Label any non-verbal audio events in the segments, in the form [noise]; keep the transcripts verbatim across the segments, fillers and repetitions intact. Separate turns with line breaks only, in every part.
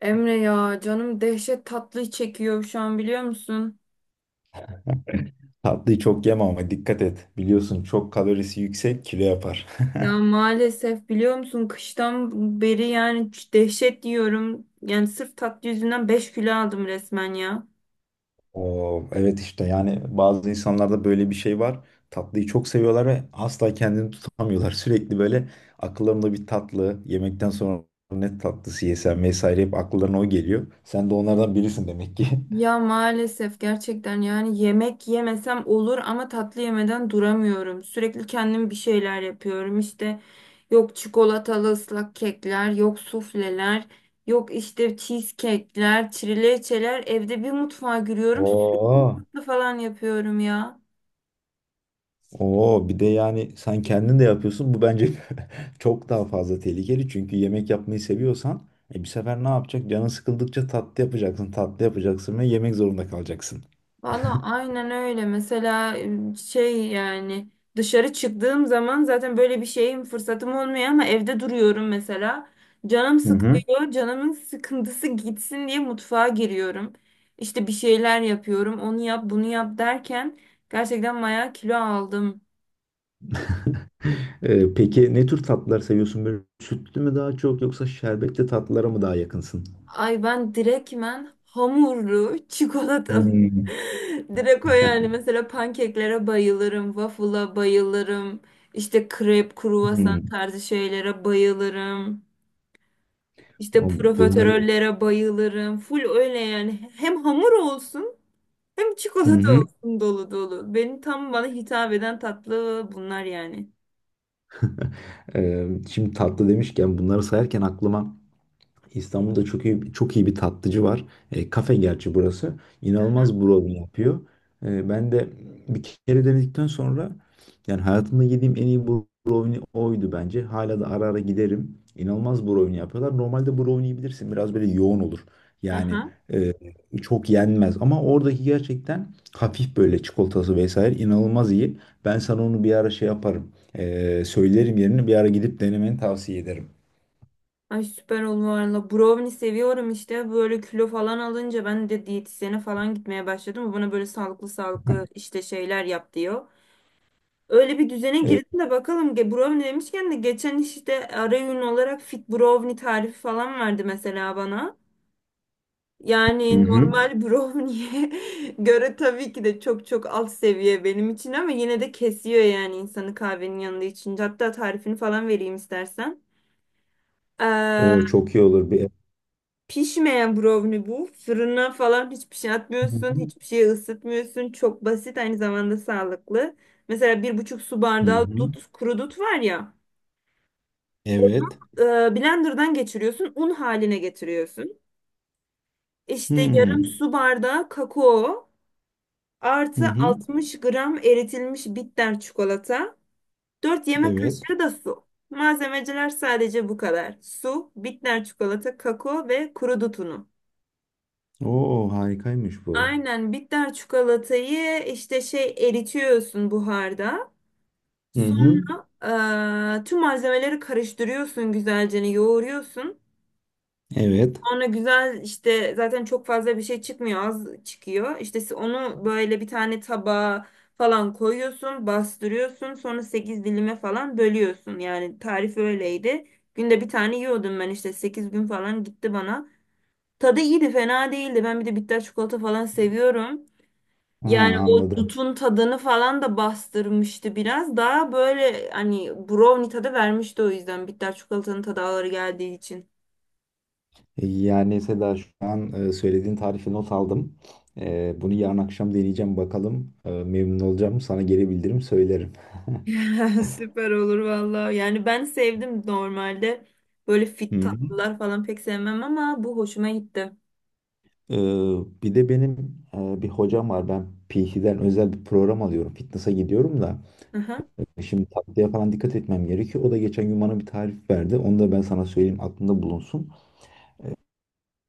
Emre ya canım dehşet tatlı çekiyor şu an biliyor musun?
Tatlıyı çok yeme ama dikkat et. Biliyorsun çok kalorisi yüksek kilo yapar.
Ya
[laughs]
maalesef biliyor musun kıştan beri yani ç- dehşet yiyorum. Yani sırf tatlı yüzünden beş kilo aldım resmen ya.
Oo, evet işte yani bazı insanlarda böyle bir şey var. Tatlıyı çok seviyorlar ve asla kendini tutamıyorlar. [laughs] Sürekli böyle akıllarında bir tatlı, yemekten sonra ne tatlısı yesem vesaire hep akıllarına o geliyor. Sen de onlardan birisin demek ki.
Ya maalesef gerçekten yani yemek yemesem olur ama tatlı yemeden duramıyorum. Sürekli kendim bir şeyler yapıyorum işte. Yok çikolatalı ıslak kekler, yok sufleler, yok işte cheesecake'ler, trileçeler. Evde bir mutfağa
[laughs]
giriyorum, sütlü
Oo.
falan yapıyorum ya.
Oo, bir de yani sen kendin de yapıyorsun. Bu bence [laughs] çok daha fazla tehlikeli. Çünkü yemek yapmayı seviyorsan e, bir sefer ne yapacak? Canın sıkıldıkça tatlı yapacaksın, tatlı yapacaksın ve yemek zorunda kalacaksın.
Valla aynen öyle. Mesela e, şey yani dışarı çıktığım zaman zaten böyle bir şeyim fırsatım olmuyor ama evde duruyorum mesela. Canım
Hı hı.
sıkılıyor. Canımın sıkıntısı gitsin diye mutfağa giriyorum. İşte bir şeyler yapıyorum. Onu yap, bunu yap derken gerçekten bayağı kilo aldım.
[laughs] Ee, peki ne tür tatlılar seviyorsun? Böyle sütlü mü daha çok yoksa şerbetli tatlılara mı daha yakınsın?
Ay ben direktmen hamurlu çikolatalı.
Hmm.
[laughs] Direkt o yani
[laughs]
mesela pankeklere bayılırım, waffle'a bayılırım, işte krep, kruvasan
Hmm.
tarzı şeylere bayılırım, işte
O- Bunları
profiterollere bayılırım. Full öyle yani hem hamur olsun hem
hı
çikolata
hı.
olsun dolu dolu. Benim tam bana hitap eden tatlı bunlar yani.
Ee, şimdi tatlı demişken bunları sayarken aklıma İstanbul'da çok iyi çok iyi bir tatlıcı var. E, kafe gerçi burası. İnanılmaz brownie yapıyor. E, ben de bir kere denedikten sonra yani hayatımda yediğim en iyi brownie oydu bence. Hala da ara ara giderim. İnanılmaz brownie yapıyorlar. Normalde brownie bilirsin biraz böyle yoğun olur. Yani
Aha.
e, çok yenmez ama oradaki gerçekten hafif böyle çikolatası vesaire inanılmaz iyi. Ben sana onu bir ara şey yaparım. E, söylerim yerini bir ara gidip denemeni tavsiye ederim.
Ay süper olur valla. Brownie seviyorum işte. Böyle kilo falan alınca ben de diyetisyene falan gitmeye başladım. O bana böyle sağlıklı sağlıklı işte şeyler yap diyor. Öyle bir düzene
E,
girdim de bakalım. Ge- Brownie demişken de geçen işte ara öğün olarak fit brownie tarifi falan verdi mesela bana.
Hı
Yani
hı.
normal brownie'ye [laughs] göre tabii ki de çok çok alt seviye benim için ama yine de kesiyor yani insanı kahvenin yanında içince. Hatta tarifini falan vereyim istersen. Ee,
O çok iyi olur bir.
Pişmeyen brownie bu. Fırına falan hiçbir şey
Hı
atmıyorsun.
hı.
Hiçbir şey ısıtmıyorsun. Çok basit aynı zamanda sağlıklı. Mesela bir buçuk su
Hı
bardağı
hı.
dut, kuru dut var ya. Onu
Evet.
e, blenderdan geçiriyorsun. Un haline getiriyorsun. İşte
Hmm.
yarım su bardağı kakao.
Hı
Artı
hı.
60 gram eritilmiş bitter çikolata. dört yemek
Evet.
kaşığı da su. Malzemeciler sadece bu kadar. Su, bitter çikolata, kakao ve kuru dut unu.
Oo, harikaymış bu.
Aynen bitter çikolatayı işte şey eritiyorsun buharda.
Hı hı.
Sonra eee, tüm malzemeleri karıştırıyorsun güzelce hani, yoğuruyorsun.
Evet.
Sonra güzel işte zaten çok fazla bir şey çıkmıyor az çıkıyor. İşte s- onu böyle bir tane tabağa falan koyuyorsun bastırıyorsun sonra sekiz dilime falan bölüyorsun. Yani tarif öyleydi. Günde bir tane yiyordum ben işte sekiz gün falan gitti bana. Tadı iyiydi fena değildi. Ben bir de bitter çikolata falan seviyorum.
Ha,
Yani o
anladım.
dutun tadını falan da bastırmıştı biraz. Daha böyle hani brownie tadı vermişti o yüzden. Bitter çikolatanın tadı ağır geldiği için.
E, Yani Seda şu an e, söylediğin tarifi not aldım. E, bunu yarın akşam deneyeceğim bakalım. E, memnun olacağım. Sana geri bildiririm söylerim.
[laughs] Süper olur valla. Yani ben sevdim normalde. Böyle
Hı
fit
hı.
tatlılar falan pek sevmem ama bu hoşuma gitti.
E, bir de benim e, bir hocam var. Ben P T'den özel bir program alıyorum. Fitness'a gidiyorum da.
Hı hı.
E, Şimdi tatlıya falan dikkat etmem gerekiyor. O da geçen gün bana bir tarif verdi. Onu da ben sana söyleyeyim aklında bulunsun.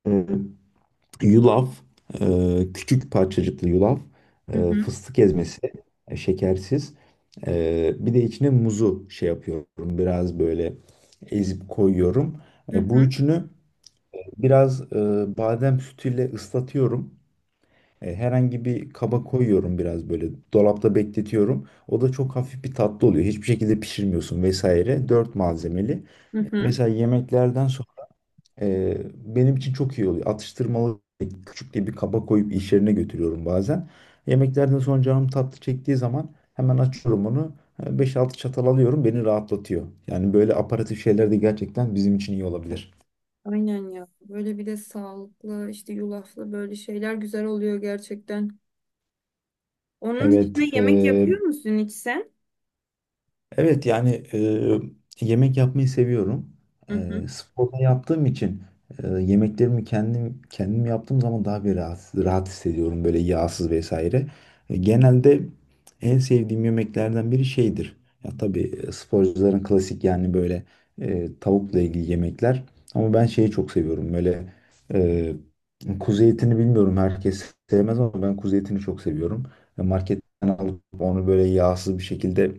Ee, Yulaf, e, küçük parçacıklı yulaf,
Hı
e,
hı.
fıstık ezmesi, e, şekersiz. E, bir de içine muzu şey yapıyorum. Biraz böyle ezip koyuyorum.
Hı
E, bu
hı.
üçünü biraz e, badem sütüyle ıslatıyorum. E, herhangi bir kaba koyuyorum biraz böyle dolapta bekletiyorum. O da çok hafif bir tatlı oluyor. Hiçbir şekilde pişirmiyorsun vesaire. Dört malzemeli.
Hı hı.
Mesela yemeklerden sonra e, benim için çok iyi oluyor. Atıştırmalık küçük diye bir kaba koyup iş yerine götürüyorum bazen. Yemeklerden sonra canım tatlı çektiği zaman hemen açıyorum onu. E, Beş altı çatal alıyorum beni rahatlatıyor. Yani böyle aparatif şeyler de gerçekten bizim için iyi olabilir.
Aynen ya. Böyle bir de sağlıklı işte yulaflı böyle şeyler güzel oluyor gerçekten. Onun dışında
Evet,
yemek
e,
yapıyor musun hiç sen?
evet yani e, yemek yapmayı seviyorum.
Hı
E,
hı.
sporda yaptığım için e, yemeklerimi kendim kendim yaptığım zaman daha bir rahat, rahat hissediyorum böyle yağsız vesaire. E, genelde en sevdiğim yemeklerden biri şeydir. Ya tabii e, sporcuların klasik yani böyle e, tavukla ilgili yemekler. Ama ben şeyi çok seviyorum böyle e, kuzu etini bilmiyorum herkes sevmez ama ben kuzu etini çok seviyorum. E, Marketten alıp onu böyle yağsız bir şekilde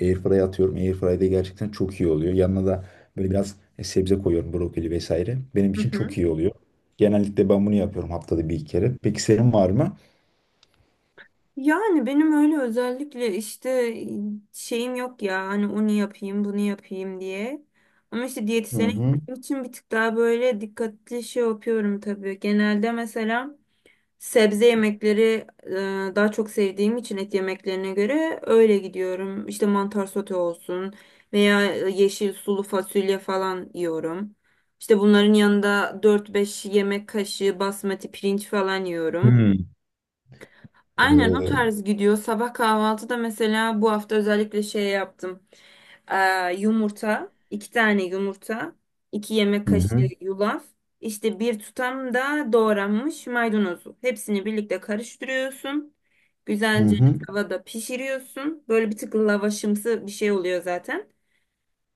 Airfryer'a atıyorum. Airfryer'de gerçekten çok iyi oluyor. Yanına da böyle biraz e, sebze koyuyorum. Brokoli vesaire. Benim
Hı
için çok
hı.
iyi oluyor. Genellikle ben bunu yapıyorum haftada bir iki kere. Peki senin var mı?
Yani benim öyle özellikle işte şeyim yok ya hani onu yapayım bunu yapayım diye. Ama işte
Hı
diyetisyene
hı.
gittiğim için bir tık daha böyle dikkatli şey yapıyorum tabii. Genelde mesela sebze yemekleri e, daha çok sevdiğim için et yemeklerine göre öyle gidiyorum. İşte mantar sote olsun veya yeşil sulu fasulye falan yiyorum. İşte bunların yanında dört beş yemek kaşığı basmati pirinç falan yiyorum.
Hmm.
Aynen o
Ee,
tarz gidiyor. Sabah kahvaltıda mesela bu hafta özellikle şey yaptım. Ee, yumurta, iki tane yumurta, iki yemek
hı
kaşığı
hı.
yulaf, işte bir tutam da doğranmış maydanozu. Hepsini birlikte karıştırıyorsun.
Hı
Güzelce
hı.
tavada pişiriyorsun. Böyle bir tık lavaşımsı bir şey oluyor zaten.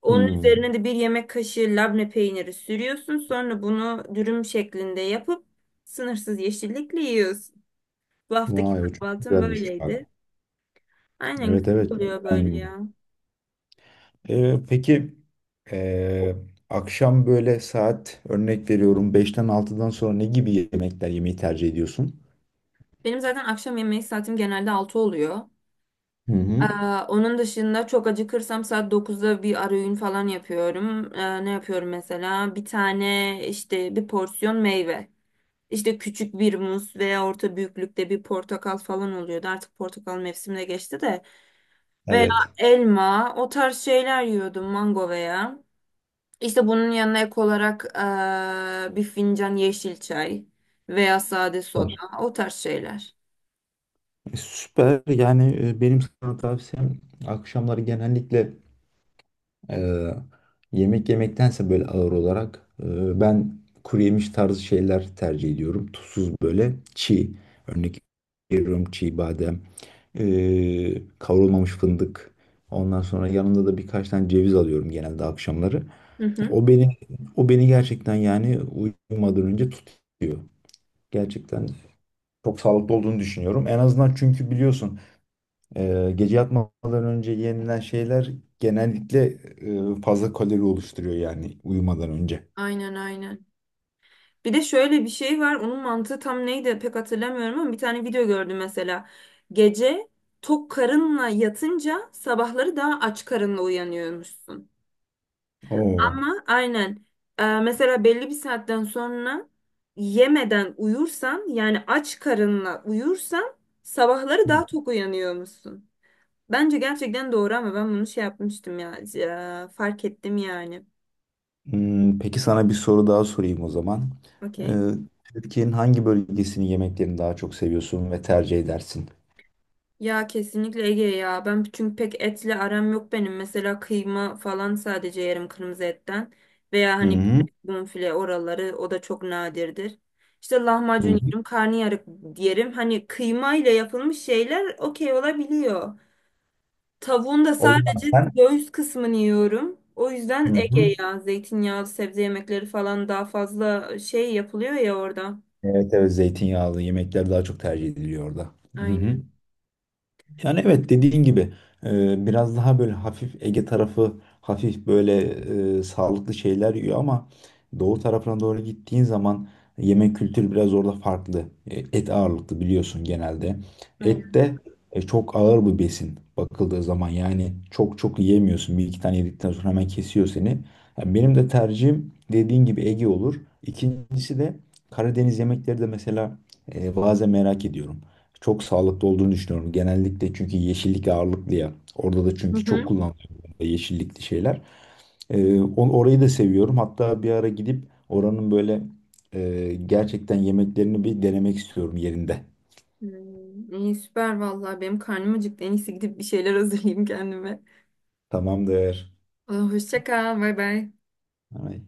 Onun
Hmm.
üzerine de bir yemek kaşığı labne peyniri sürüyorsun. Sonra bunu dürüm şeklinde yapıp sınırsız yeşillikle yiyorsun. Bu haftaki
Vay, o çok
kahvaltım
güzelmiş bak.
böyleydi. Aynen
Evet,
güzel
evet, çok
oluyor böyle
beğendim bunu.
ya.
Ee, peki ee, akşam böyle saat örnek veriyorum beşten altıdan sonra ne gibi yemekler yemeyi tercih ediyorsun?
Benim zaten akşam yemeği saatim genelde altı oluyor.
Hı
Ee,
hı.
Onun dışında çok acıkırsam saat dokuzda bir arayün falan yapıyorum. Ee, ne yapıyorum mesela? Bir tane işte bir porsiyon meyve. İşte küçük bir muz veya orta büyüklükte bir portakal falan oluyordu. Artık portakal mevsimine geçti de. Veya
Evet.
elma o tarz şeyler yiyordum mango veya. İşte bunun yanına ek olarak ee, bir fincan yeşil çay veya sade soda o tarz şeyler.
E, Süper. Yani e, benim sana tavsiyem akşamları genellikle e, yemek yemektense böyle ağır olarak e, ben kuru yemiş tarzı şeyler tercih ediyorum. Tuzsuz böyle çiğ. Örnek veriyorum çiğ badem, e, kavrulmamış fındık. Ondan sonra yanında da birkaç tane ceviz alıyorum genelde akşamları.
Hı hı.
O beni o beni gerçekten yani uyumadan önce tutuyor. Gerçekten çok sağlıklı olduğunu düşünüyorum. En azından çünkü biliyorsun ee, gece yatmadan önce yenilen şeyler genellikle e, fazla kalori oluşturuyor yani uyumadan önce.
Aynen aynen. Bir de şöyle bir şey var. Onun mantığı tam neydi pek hatırlamıyorum ama bir tane video gördüm mesela. Gece tok karınla yatınca sabahları daha aç karınla uyanıyormuşsun.
Oo.
Ama aynen. E, mesela belli bir saatten sonra yemeden uyursan yani aç karınla uyursan sabahları daha tok uyanıyormuşsun. Bence gerçekten doğru ama ben bunu şey yapmıştım ya, ya fark ettim yani.
Hmm, peki sana bir soru daha sorayım o zaman. Ee,
Okey.
Türkiye'nin hangi bölgesinin yemeklerini daha çok seviyorsun ve tercih edersin?
Ya kesinlikle Ege ya. Ben çünkü pek etle aram yok benim. Mesela kıyma falan sadece yerim kırmızı etten. Veya
Hı
hani
hı.
bonfile oraları o da çok nadirdir. İşte
Hı
lahmacun
hı.
yerim, karnıyarık yerim. Hani kıyma ile yapılmış şeyler okey olabiliyor. Tavuğun da
O zaman
sadece
sen.
göğüs kısmını yiyorum. O yüzden
Hı
Ege
hı.
ya. Zeytinyağlı sebze yemekleri falan daha fazla şey yapılıyor ya orada.
Evet, evet, zeytinyağlı yemekler daha çok tercih ediliyor orada. Hı hı.
Aynen.
Yani evet dediğin gibi e, biraz daha böyle hafif Ege tarafı hafif böyle e, sağlıklı şeyler yiyor ama Doğu tarafına doğru gittiğin zaman yemek kültürü biraz orada farklı. E, Et ağırlıklı biliyorsun genelde. Et
Aynen.
de e, çok ağır bir besin bakıldığı zaman yani çok çok yiyemiyorsun. Bir iki tane yedikten sonra hemen kesiyor seni. Yani benim de tercihim dediğin gibi Ege olur. İkincisi de Karadeniz yemekleri de mesela e, bazen merak ediyorum. Çok sağlıklı olduğunu düşünüyorum. Genellikle çünkü yeşillik ağırlıklı ya. Orada da
Hı
çünkü çok
hı.
kullanılıyor yeşillikli şeyler. Ee, on- orayı da seviyorum. Hatta bir ara gidip oranın böyle e, gerçekten yemeklerini bir denemek istiyorum yerinde.
Hmm, iyi süper vallahi benim karnım acıktı. En iyisi gidip bir şeyler hazırlayayım kendime.
Tamamdır.
Aa, hoşça kal. Bay bay.
Ay.